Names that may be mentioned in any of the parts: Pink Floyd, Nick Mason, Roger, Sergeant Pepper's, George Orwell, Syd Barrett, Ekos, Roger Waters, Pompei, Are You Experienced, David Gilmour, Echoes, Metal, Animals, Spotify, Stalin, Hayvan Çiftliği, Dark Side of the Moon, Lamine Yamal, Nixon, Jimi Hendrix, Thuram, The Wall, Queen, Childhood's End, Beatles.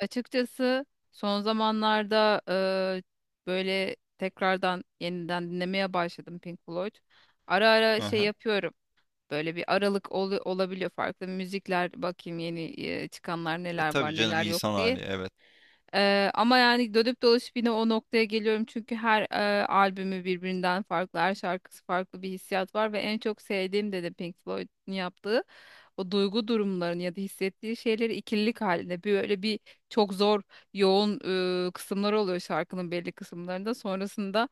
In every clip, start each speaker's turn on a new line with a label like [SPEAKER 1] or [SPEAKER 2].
[SPEAKER 1] Açıkçası son zamanlarda böyle tekrardan yeniden dinlemeye başladım Pink Floyd. Ara ara şey
[SPEAKER 2] Aha.
[SPEAKER 1] yapıyorum. Böyle bir aralık olabiliyor farklı müzikler bakayım yeni çıkanlar
[SPEAKER 2] E
[SPEAKER 1] neler
[SPEAKER 2] tabii
[SPEAKER 1] var
[SPEAKER 2] canım
[SPEAKER 1] neler yok
[SPEAKER 2] insan hali,
[SPEAKER 1] diye.
[SPEAKER 2] evet.
[SPEAKER 1] Ama yani dönüp dolaşıp yine o noktaya geliyorum çünkü her albümü birbirinden farklı, her şarkısı farklı bir hissiyat var ve en çok sevdiğim de Pink Floyd'un yaptığı o duygu durumlarını ya da hissettiği şeyleri ikililik halinde bir böyle bir çok zor yoğun kısımları oluyor şarkının belli kısımlarında sonrasında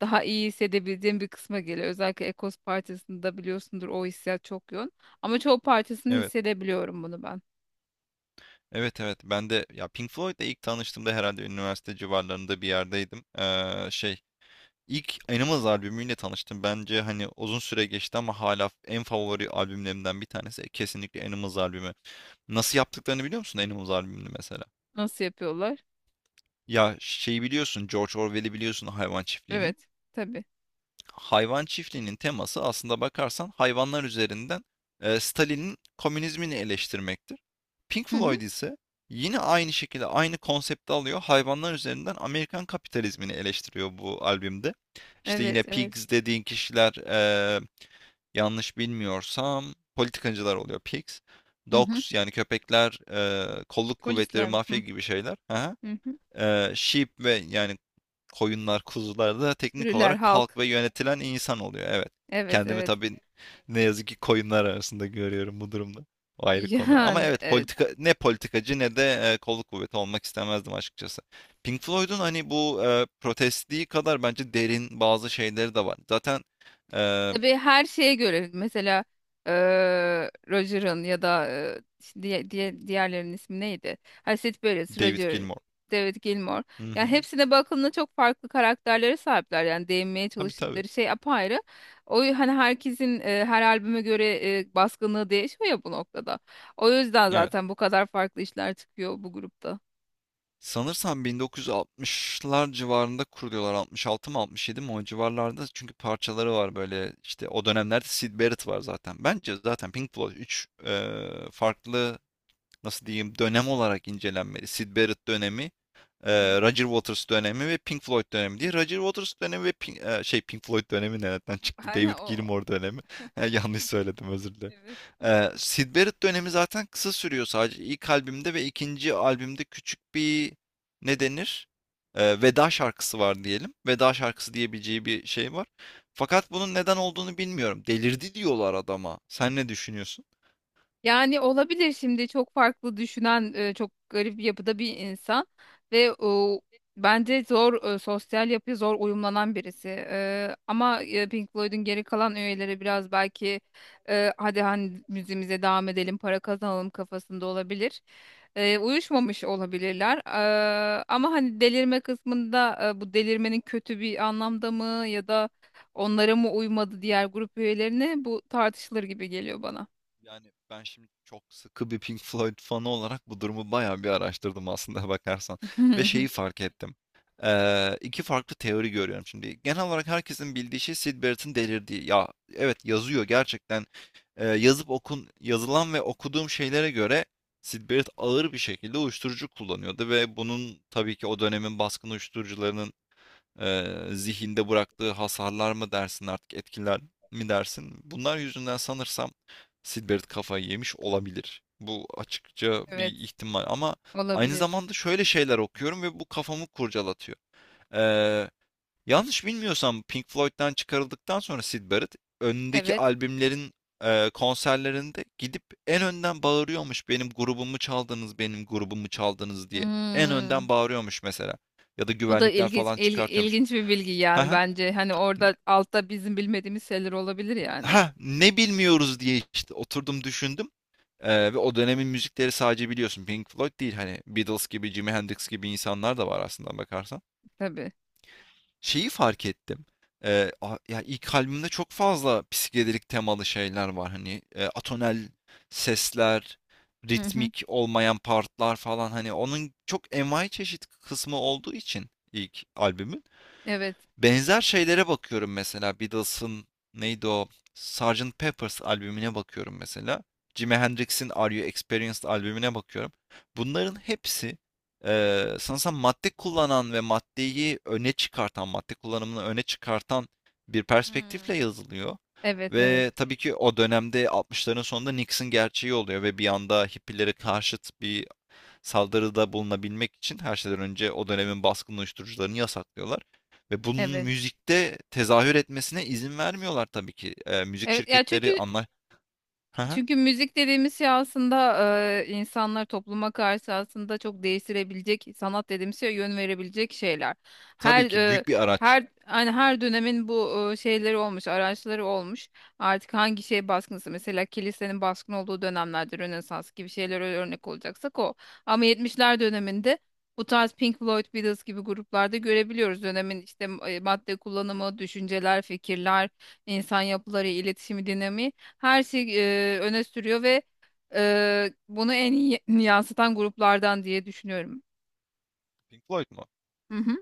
[SPEAKER 1] daha iyi hissedebildiğim bir kısma geliyor, özellikle Ekos parçasında biliyorsundur o hissiyat çok yoğun ama çoğu parçasını
[SPEAKER 2] Evet.
[SPEAKER 1] hissedebiliyorum bunu ben.
[SPEAKER 2] Evet, evet, ben de ya Pink Floyd'la ilk tanıştığımda herhalde üniversite civarlarında bir yerdeydim. Şey, ilk Animals albümüyle tanıştım. Bence hani uzun süre geçti ama hala en favori albümlerimden bir tanesi, kesinlikle Animals albümü. Nasıl yaptıklarını biliyor musun Animals albümünü mesela?
[SPEAKER 1] Nasıl yapıyorlar?
[SPEAKER 2] Ya şeyi biliyorsun, George Orwell'i biliyorsun, Hayvan Çiftliği'ni.
[SPEAKER 1] Evet, tabii.
[SPEAKER 2] Hayvan çiftliğinin teması aslında bakarsan hayvanlar üzerinden Stalin'in komünizmini eleştirmektir. Pink
[SPEAKER 1] Hı hı.
[SPEAKER 2] Floyd ise yine aynı şekilde aynı konsepti alıyor. Hayvanlar üzerinden Amerikan kapitalizmini eleştiriyor bu albümde. İşte yine
[SPEAKER 1] Evet, evet.
[SPEAKER 2] Pigs dediğin kişiler, yanlış bilmiyorsam politikacılar oluyor Pigs.
[SPEAKER 1] Hı hı.
[SPEAKER 2] Dogs yani köpekler, kolluk kuvvetleri,
[SPEAKER 1] Polisler,
[SPEAKER 2] mafya
[SPEAKER 1] hı
[SPEAKER 2] gibi şeyler. Hı.
[SPEAKER 1] hı. Hı.
[SPEAKER 2] Sheep ve yani koyunlar, kuzular da teknik
[SPEAKER 1] Sürüler,
[SPEAKER 2] olarak halk
[SPEAKER 1] halk.
[SPEAKER 2] ve yönetilen insan oluyor. Evet.
[SPEAKER 1] Evet,
[SPEAKER 2] Kendimi
[SPEAKER 1] evet.
[SPEAKER 2] tabii ne yazık ki koyunlar arasında görüyorum bu durumda. O ayrı konu. Ama
[SPEAKER 1] Yani
[SPEAKER 2] evet,
[SPEAKER 1] evet.
[SPEAKER 2] politika ne politikacı ne de kolluk kuvveti olmak istemezdim açıkçası. Pink Floyd'un hani bu protestliği kadar bence derin bazı şeyleri de var. Zaten e,
[SPEAKER 1] Tabii her şeye göre mesela eee Roger'ın ya da işte diğerlerinin ismi neydi? Ha, Sid Barrett,
[SPEAKER 2] David
[SPEAKER 1] Roger,
[SPEAKER 2] Gilmour.
[SPEAKER 1] David Gilmour.
[SPEAKER 2] Hı hı.
[SPEAKER 1] Yani hepsine bakıldığında çok farklı karakterlere sahipler. Yani değinmeye
[SPEAKER 2] Tabii, tabii.
[SPEAKER 1] çalıştıkları şey apayrı. O hani herkesin her albüme göre baskınlığı değişiyor ya bu noktada. O yüzden
[SPEAKER 2] Evet.
[SPEAKER 1] zaten bu kadar farklı işler çıkıyor bu grupta.
[SPEAKER 2] Sanırsam 1960'lar civarında kuruluyorlar. 66 mı 67 mi, o civarlarda. Çünkü parçaları var böyle işte o dönemlerde, Syd Barrett var zaten. Bence zaten Pink Floyd 3 farklı, nasıl diyeyim, dönem olarak incelenmeli. Syd Barrett dönemi,
[SPEAKER 1] Hı hı.
[SPEAKER 2] Roger Waters dönemi ve Pink Floyd dönemi diye. Roger Waters dönemi ve Pink, e, şey Pink Floyd dönemi nereden çıktı?
[SPEAKER 1] Aynen
[SPEAKER 2] David
[SPEAKER 1] o.
[SPEAKER 2] Gilmour dönemi. Yanlış söyledim, özür dilerim.
[SPEAKER 1] Evet.
[SPEAKER 2] Syd Barrett dönemi zaten kısa sürüyor sadece. İlk albümde ve ikinci albümde küçük bir, ne denir, veda şarkısı var diyelim. Veda şarkısı diyebileceği bir şey var. Fakat bunun neden olduğunu bilmiyorum. Delirdi diyorlar adama. Sen ne düşünüyorsun?
[SPEAKER 1] Yani olabilir, şimdi çok farklı düşünen çok garip bir yapıda bir insan ve o, bence zor sosyal yapıya zor uyumlanan birisi. Ama Pink Floyd'un geri kalan üyeleri biraz belki hadi hani müziğimize devam edelim para kazanalım kafasında olabilir. Uyuşmamış olabilirler. Ama hani delirme kısmında bu delirmenin kötü bir anlamda mı ya da onlara mı uymadı diğer grup üyelerine, bu tartışılır gibi geliyor bana.
[SPEAKER 2] Yani ben şimdi çok sıkı bir Pink Floyd fanı olarak bu durumu bayağı bir araştırdım aslında bakarsan. Ve şeyi fark ettim. İki farklı teori görüyorum şimdi. Genel olarak herkesin bildiği şey Syd Barrett'ın delirdiği. Ya evet, yazıyor gerçekten. Yazıp okun yazılan ve okuduğum şeylere göre Syd Barrett ağır bir şekilde uyuşturucu kullanıyordu ve bunun tabii ki o dönemin baskın uyuşturucularının zihinde bıraktığı hasarlar mı dersin artık, etkiler mi dersin? Bunlar yüzünden sanırsam Silbert kafayı yemiş olabilir. Bu açıkça bir
[SPEAKER 1] Evet,
[SPEAKER 2] ihtimal, ama aynı
[SPEAKER 1] olabilir.
[SPEAKER 2] zamanda şöyle şeyler okuyorum ve bu kafamı kurcalatıyor. Eee, Yanlış bilmiyorsam Pink Floyd'dan çıkarıldıktan sonra Syd Barrett önündeki
[SPEAKER 1] Evet.
[SPEAKER 2] albümlerin konserlerinde gidip en önden bağırıyormuş, "benim grubumu çaldınız, benim grubumu çaldınız" diye. En önden
[SPEAKER 1] Hmm.
[SPEAKER 2] bağırıyormuş mesela. Ya da
[SPEAKER 1] Bu da
[SPEAKER 2] güvenlikler
[SPEAKER 1] ilginç,
[SPEAKER 2] falan çıkartıyormuş.
[SPEAKER 1] ilginç bir bilgi
[SPEAKER 2] Ha,
[SPEAKER 1] yani
[SPEAKER 2] ha.
[SPEAKER 1] bence. Hani orada altta bizim bilmediğimiz şeyler olabilir yani.
[SPEAKER 2] Ha, ne bilmiyoruz diye işte oturdum düşündüm. Ve o dönemin müzikleri sadece biliyorsun Pink Floyd değil, hani Beatles gibi, Jimi Hendrix gibi insanlar da var aslında bakarsan.
[SPEAKER 1] Tabii.
[SPEAKER 2] Şeyi fark ettim. Ya, ilk albümde çok fazla psikedelik temalı şeyler var, hani atonel sesler,
[SPEAKER 1] Hı hı.
[SPEAKER 2] ritmik olmayan partlar falan, hani onun çok envai çeşit kısmı olduğu için ilk albümün.
[SPEAKER 1] Evet.
[SPEAKER 2] Benzer şeylere bakıyorum mesela, Beatles'ın neydi o, Sergeant Pepper's albümüne bakıyorum mesela. Jimi Hendrix'in Are You Experienced albümüne bakıyorum. Bunların hepsi sanırsam madde kullanan ve maddeyi öne çıkartan, madde kullanımını öne çıkartan bir
[SPEAKER 1] Hmm.
[SPEAKER 2] perspektifle yazılıyor.
[SPEAKER 1] Evet, evet.
[SPEAKER 2] Ve tabii ki o dönemde 60'ların sonunda Nixon gerçeği oluyor ve bir anda hippilere karşıt bir saldırıda bulunabilmek için her şeyden önce o dönemin baskın uyuşturucularını yasaklıyorlar. Ve bunun
[SPEAKER 1] Evet.
[SPEAKER 2] müzikte tezahür etmesine izin vermiyorlar tabii ki. Müzik
[SPEAKER 1] Evet ya
[SPEAKER 2] şirketleri
[SPEAKER 1] çünkü
[SPEAKER 2] anla... Hı hı.
[SPEAKER 1] çünkü müzik dediğimiz şey aslında insanlar topluma karşı aslında çok değiştirebilecek, sanat dediğimiz şey yön verebilecek şeyler.
[SPEAKER 2] Tabii
[SPEAKER 1] Her
[SPEAKER 2] ki,
[SPEAKER 1] e,
[SPEAKER 2] büyük bir araç.
[SPEAKER 1] her hani her dönemin bu şeyleri olmuş, araçları olmuş. Artık hangi şey baskınsa, mesela kilisenin baskın olduğu dönemlerde Rönesans gibi şeyler örnek olacaksak o. Ama 70'ler döneminde bu tarz Pink Floyd, Beatles gibi gruplarda görebiliyoruz dönemin işte madde kullanımı, düşünceler, fikirler, insan yapıları, iletişimi, dinamiği her şey öne sürüyor ve bunu en iyi yansıtan gruplardan diye düşünüyorum.
[SPEAKER 2] Pink Floyd mu?
[SPEAKER 1] Hı hı,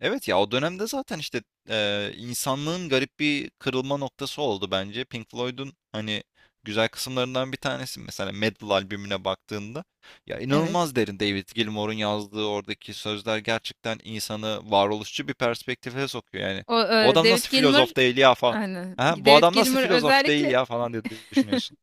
[SPEAKER 2] Evet ya, o dönemde zaten işte insanlığın garip bir kırılma noktası oldu bence. Pink Floyd'un hani güzel kısımlarından bir tanesi mesela, Metal albümüne baktığında ya
[SPEAKER 1] evet.
[SPEAKER 2] inanılmaz derin David Gilmour'un yazdığı oradaki sözler gerçekten insanı varoluşçu bir perspektife sokuyor yani.
[SPEAKER 1] O
[SPEAKER 2] Bu adam
[SPEAKER 1] David
[SPEAKER 2] nasıl
[SPEAKER 1] Gilmour,
[SPEAKER 2] filozof değil ya, falan.
[SPEAKER 1] aynen.
[SPEAKER 2] Ha, bu
[SPEAKER 1] David
[SPEAKER 2] adam nasıl
[SPEAKER 1] Gilmour
[SPEAKER 2] filozof değil
[SPEAKER 1] özellikle
[SPEAKER 2] ya falan diye düşünüyorsun.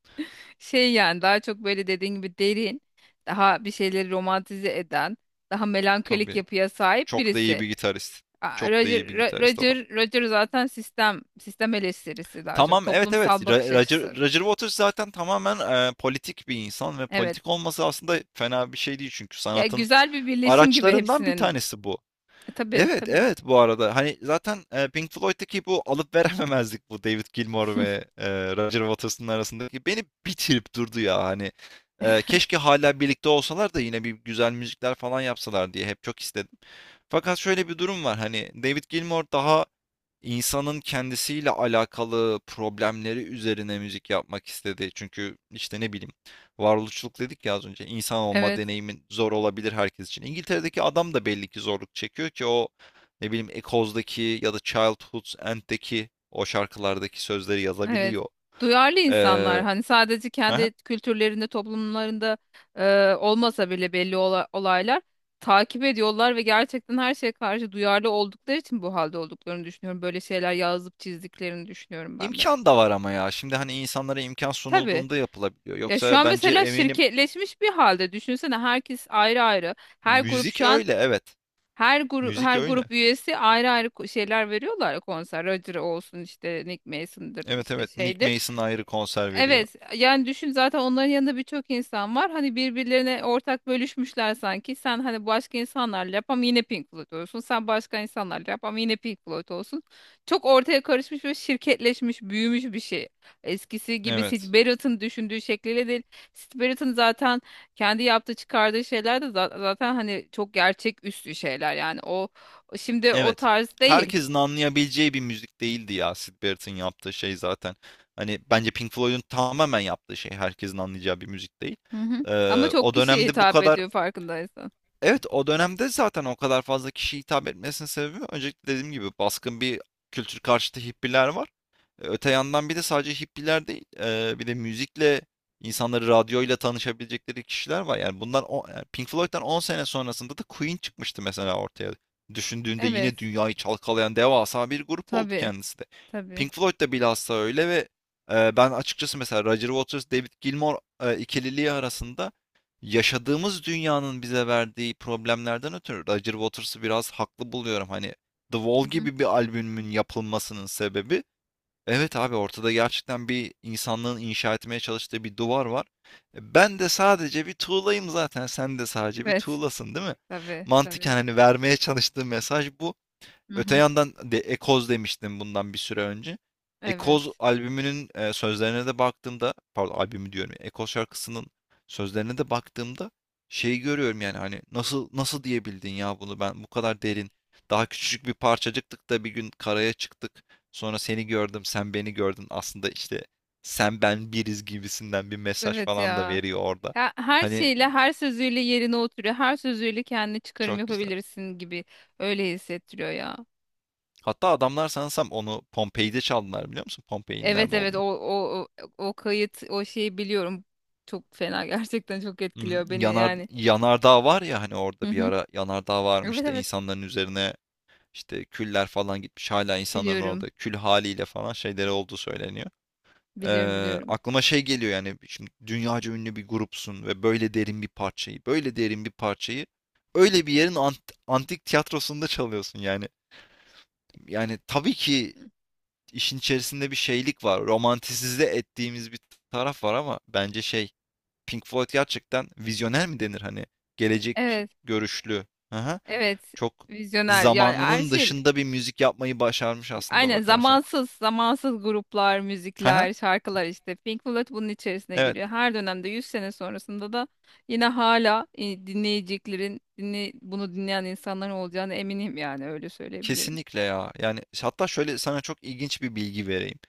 [SPEAKER 1] şey yani daha çok böyle dediğin gibi derin, daha bir şeyleri romantize eden, daha melankolik
[SPEAKER 2] Tabii,
[SPEAKER 1] yapıya sahip
[SPEAKER 2] çok da iyi
[SPEAKER 1] birisi.
[SPEAKER 2] bir gitarist.
[SPEAKER 1] Aa,
[SPEAKER 2] Çok da
[SPEAKER 1] Roger,
[SPEAKER 2] iyi bir gitarist adam.
[SPEAKER 1] Roger zaten sistem eleştirisi, daha çok
[SPEAKER 2] Tamam, evet, evet,
[SPEAKER 1] toplumsal bakış
[SPEAKER 2] Ra- Roger,
[SPEAKER 1] açısı.
[SPEAKER 2] Roger Waters zaten tamamen politik bir insan ve
[SPEAKER 1] Evet.
[SPEAKER 2] politik olması aslında fena bir şey değil çünkü
[SPEAKER 1] Ya
[SPEAKER 2] sanatın
[SPEAKER 1] güzel bir birleşim gibi
[SPEAKER 2] araçlarından bir
[SPEAKER 1] hepsinin.
[SPEAKER 2] tanesi bu.
[SPEAKER 1] Tabii
[SPEAKER 2] Evet,
[SPEAKER 1] tabii.
[SPEAKER 2] evet, bu arada hani zaten Pink Floyd'daki bu alıp verememezlik, bu David Gilmour ve Roger Waters'ın arasındaki beni bitirip durdu ya hani. Keşke hala birlikte olsalar da yine bir güzel müzikler falan yapsalar diye hep çok istedim. Fakat şöyle bir durum var, hani David Gilmour daha insanın kendisiyle alakalı problemleri üzerine müzik yapmak istedi. Çünkü işte ne bileyim, varoluşçuluk dedik ya az önce, insan olma
[SPEAKER 1] Evet,
[SPEAKER 2] deneyimin zor olabilir herkes için. İngiltere'deki adam da belli ki zorluk çekiyor ki o, ne bileyim, Echoes'daki ya da Childhood's End'deki o şarkılardaki sözleri
[SPEAKER 1] evet.
[SPEAKER 2] yazabiliyor.
[SPEAKER 1] Duyarlı insanlar,
[SPEAKER 2] Ee,
[SPEAKER 1] hani sadece
[SPEAKER 2] hı hı.
[SPEAKER 1] kendi kültürlerinde, toplumlarında olmasa bile belli olaylar takip ediyorlar ve gerçekten her şeye karşı duyarlı oldukları için bu halde olduklarını düşünüyorum. Böyle şeyler yazıp çizdiklerini düşünüyorum ben de.
[SPEAKER 2] imkan da var ama ya, şimdi hani insanlara imkan
[SPEAKER 1] Tabii.
[SPEAKER 2] sunulduğunda yapılabiliyor.
[SPEAKER 1] Ya şu
[SPEAKER 2] Yoksa
[SPEAKER 1] an
[SPEAKER 2] bence
[SPEAKER 1] mesela
[SPEAKER 2] eminim
[SPEAKER 1] şirketleşmiş bir halde. Düşünsene, herkes ayrı ayrı. Her grup
[SPEAKER 2] müzik
[SPEAKER 1] şu an
[SPEAKER 2] öyle, evet,
[SPEAKER 1] her grup
[SPEAKER 2] müzik
[SPEAKER 1] her
[SPEAKER 2] öyle.
[SPEAKER 1] grup üyesi ayrı ayrı şeyler veriyorlar ya, konser. Roger olsun, işte Nick Mason'dır,
[SPEAKER 2] Evet,
[SPEAKER 1] işte
[SPEAKER 2] evet,
[SPEAKER 1] şeydir.
[SPEAKER 2] Nick Mason ayrı konser veriyor.
[SPEAKER 1] Evet yani düşün, zaten onların yanında birçok insan var. Hani birbirlerine ortak bölüşmüşler sanki. Sen hani başka insanlarla yap ama yine Pink Floyd olsun. Sen başka insanlarla yap ama yine Pink Floyd olsun. Çok ortaya karışmış ve şirketleşmiş, büyümüş bir şey. Eskisi gibi Syd
[SPEAKER 2] Evet.
[SPEAKER 1] Barrett'ın düşündüğü şekliyle değil. Syd Barrett'ın zaten kendi yaptığı çıkardığı şeyler de zaten hani çok gerçek üstü şeyler. Yani o şimdi o
[SPEAKER 2] Evet.
[SPEAKER 1] tarz değil.
[SPEAKER 2] Herkesin anlayabileceği bir müzik değildi ya Syd Barrett'ın yaptığı şey zaten. Hani bence Pink Floyd'un tamamen yaptığı şey herkesin anlayacağı bir müzik değil.
[SPEAKER 1] Hı hı. Ama çok
[SPEAKER 2] O
[SPEAKER 1] kişiye
[SPEAKER 2] dönemde bu
[SPEAKER 1] hitap
[SPEAKER 2] kadar,
[SPEAKER 1] ediyor farkındaysan.
[SPEAKER 2] evet, o dönemde zaten o kadar fazla kişiye hitap etmesinin sebebi öncelikle dediğim gibi baskın bir kültür karşıtı hippiler var. Öte yandan bir de sadece hippiler değil, bir de müzikle, insanları radyoyla tanışabilecekleri kişiler var. Yani bundan o yani, Pink Floyd'dan 10 sene sonrasında da Queen çıkmıştı mesela ortaya. Düşündüğünde
[SPEAKER 1] Evet.
[SPEAKER 2] yine dünyayı çalkalayan devasa bir grup oldu
[SPEAKER 1] Tabii.
[SPEAKER 2] kendisi de.
[SPEAKER 1] Tabii.
[SPEAKER 2] Pink Floyd da bilhassa öyle ve ben açıkçası mesela Roger Waters, David Gilmour ikililiği arasında yaşadığımız dünyanın bize verdiği problemlerden ötürü Roger Waters'ı biraz haklı buluyorum. Hani The Wall
[SPEAKER 1] Hı hı.
[SPEAKER 2] gibi bir albümün yapılmasının sebebi, evet abi, ortada gerçekten bir insanlığın inşa etmeye çalıştığı bir duvar var. Ben de sadece bir tuğlayım zaten. Sen de sadece bir
[SPEAKER 1] Evet.
[SPEAKER 2] tuğlasın, değil mi?
[SPEAKER 1] Tabii.
[SPEAKER 2] Mantıken
[SPEAKER 1] Tabii.
[SPEAKER 2] hani vermeye çalıştığı mesaj bu.
[SPEAKER 1] Hı
[SPEAKER 2] Öte
[SPEAKER 1] hı.
[SPEAKER 2] yandan de Ekoz demiştim bundan bir süre önce. Ekoz
[SPEAKER 1] Evet.
[SPEAKER 2] albümünün sözlerine de baktığımda, pardon albümü diyorum, Ekoz şarkısının sözlerine de baktığımda şeyi görüyorum, yani hani nasıl nasıl diyebildin ya bunu, ben bu kadar derin, daha küçücük bir parçacıktık da bir gün karaya çıktık. Sonra seni gördüm, sen beni gördün. Aslında işte sen ben biriz gibisinden bir mesaj
[SPEAKER 1] Evet
[SPEAKER 2] falan da
[SPEAKER 1] ya.
[SPEAKER 2] veriyor orada.
[SPEAKER 1] Her
[SPEAKER 2] Hani
[SPEAKER 1] şeyle, her sözüyle yerine oturuyor. Her sözüyle kendi çıkarım
[SPEAKER 2] çok güzel.
[SPEAKER 1] yapabilirsin gibi öyle hissettiriyor ya.
[SPEAKER 2] Hatta adamlar sanırsam onu Pompei'de çaldılar, biliyor musun? Pompei'nin
[SPEAKER 1] Evet
[SPEAKER 2] nerede
[SPEAKER 1] evet,
[SPEAKER 2] olduğunu.
[SPEAKER 1] o kayıt, o şeyi biliyorum. Çok fena, gerçekten çok
[SPEAKER 2] Hı hı.
[SPEAKER 1] etkiliyor beni
[SPEAKER 2] Yanar,
[SPEAKER 1] yani.
[SPEAKER 2] yanardağ var ya hani,
[SPEAKER 1] Hı
[SPEAKER 2] orada bir
[SPEAKER 1] hı.
[SPEAKER 2] ara yanardağ
[SPEAKER 1] Evet,
[SPEAKER 2] varmış da
[SPEAKER 1] evet.
[SPEAKER 2] insanların üzerine işte küller falan gitmiş, hala insanların
[SPEAKER 1] Biliyorum.
[SPEAKER 2] orada kül haliyle falan şeyleri olduğu söyleniyor.
[SPEAKER 1] Biliyorum,
[SPEAKER 2] Ee,
[SPEAKER 1] biliyorum.
[SPEAKER 2] Aklıma şey geliyor yani, şimdi dünyaca ünlü bir grupsun ve böyle derin bir parçayı öyle bir yerin antik tiyatrosunda çalıyorsun yani. Yani tabii ki işin içerisinde bir şeylik var, romantisize ettiğimiz bir taraf var ama bence şey, Pink Floyd gerçekten vizyoner mi denir hani? Gelecek
[SPEAKER 1] Evet.
[SPEAKER 2] görüşlü. Aha,
[SPEAKER 1] Evet.
[SPEAKER 2] çok
[SPEAKER 1] Vizyoner. Ya her
[SPEAKER 2] zamanının
[SPEAKER 1] şey
[SPEAKER 2] dışında bir müzik yapmayı başarmış aslında
[SPEAKER 1] aynen
[SPEAKER 2] bakarsan.
[SPEAKER 1] zamansız, zamansız gruplar,
[SPEAKER 2] Aha,
[SPEAKER 1] müzikler, şarkılar işte. Pink Floyd bunun içerisine
[SPEAKER 2] evet,
[SPEAKER 1] giriyor. Her dönemde 100 sene sonrasında da yine hala dinleyeceklerin, bunu dinleyen insanların olacağına eminim, yani öyle söyleyebilirim.
[SPEAKER 2] kesinlikle ya. Yani hatta şöyle, sana çok ilginç bir bilgi vereyim.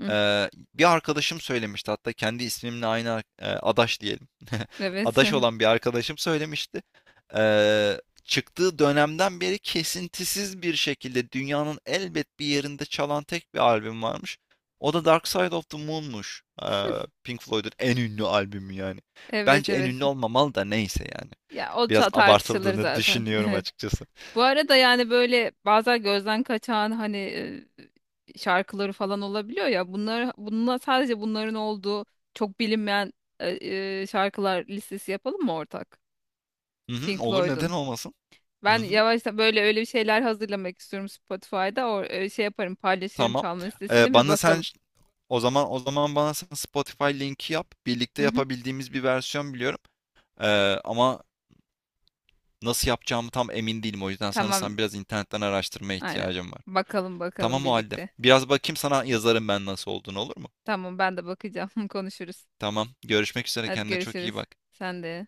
[SPEAKER 1] Hı,
[SPEAKER 2] Bir arkadaşım söylemişti, hatta kendi ismimle aynı adaş diyelim.
[SPEAKER 1] evet,
[SPEAKER 2] Adaş olan bir arkadaşım söylemişti. Çıktığı dönemden beri kesintisiz bir şekilde dünyanın elbet bir yerinde çalan tek bir albüm varmış. O da Dark Side of the Moon'muş. Pink Floyd'un en ünlü albümü yani.
[SPEAKER 1] evet,
[SPEAKER 2] Bence en
[SPEAKER 1] evet.
[SPEAKER 2] ünlü olmamalı da, neyse yani.
[SPEAKER 1] Ya o
[SPEAKER 2] Biraz
[SPEAKER 1] tartışılır
[SPEAKER 2] abartıldığını
[SPEAKER 1] zaten.
[SPEAKER 2] düşünüyorum
[SPEAKER 1] Evet.
[SPEAKER 2] açıkçası.
[SPEAKER 1] Bu arada yani böyle bazen gözden kaçan hani şarkıları falan olabiliyor ya. Bunlar bununla sadece bunların olduğu çok bilinmeyen şarkılar listesi yapalım mı ortak?
[SPEAKER 2] Hı hı,
[SPEAKER 1] Pink
[SPEAKER 2] olur, neden
[SPEAKER 1] Floyd'un.
[SPEAKER 2] olmasın? Hı
[SPEAKER 1] Ben
[SPEAKER 2] hı,
[SPEAKER 1] yavaştan böyle öyle bir şeyler hazırlamak istiyorum Spotify'da. O şey yaparım, paylaşırım
[SPEAKER 2] tamam.
[SPEAKER 1] çalma listesini,
[SPEAKER 2] Ee,
[SPEAKER 1] bir
[SPEAKER 2] bana sen
[SPEAKER 1] bakalım.
[SPEAKER 2] ş- o zaman bana sen Spotify linki yap. Birlikte
[SPEAKER 1] Hı hı.
[SPEAKER 2] yapabildiğimiz bir versiyon biliyorum. Ee, Ama nasıl yapacağımı tam emin değilim. O yüzden
[SPEAKER 1] Tamam.
[SPEAKER 2] sanırsam biraz internetten araştırmaya
[SPEAKER 1] Aynen.
[SPEAKER 2] ihtiyacım var.
[SPEAKER 1] Bakalım bakalım,
[SPEAKER 2] Tamam o halde.
[SPEAKER 1] birlikte.
[SPEAKER 2] Biraz bakayım, sana yazarım ben nasıl olduğunu, olur mu?
[SPEAKER 1] Tamam, ben de bakacağım. Konuşuruz.
[SPEAKER 2] Tamam. Görüşmek üzere.
[SPEAKER 1] Hadi
[SPEAKER 2] Kendine çok iyi
[SPEAKER 1] görüşürüz.
[SPEAKER 2] bak.
[SPEAKER 1] Sen de.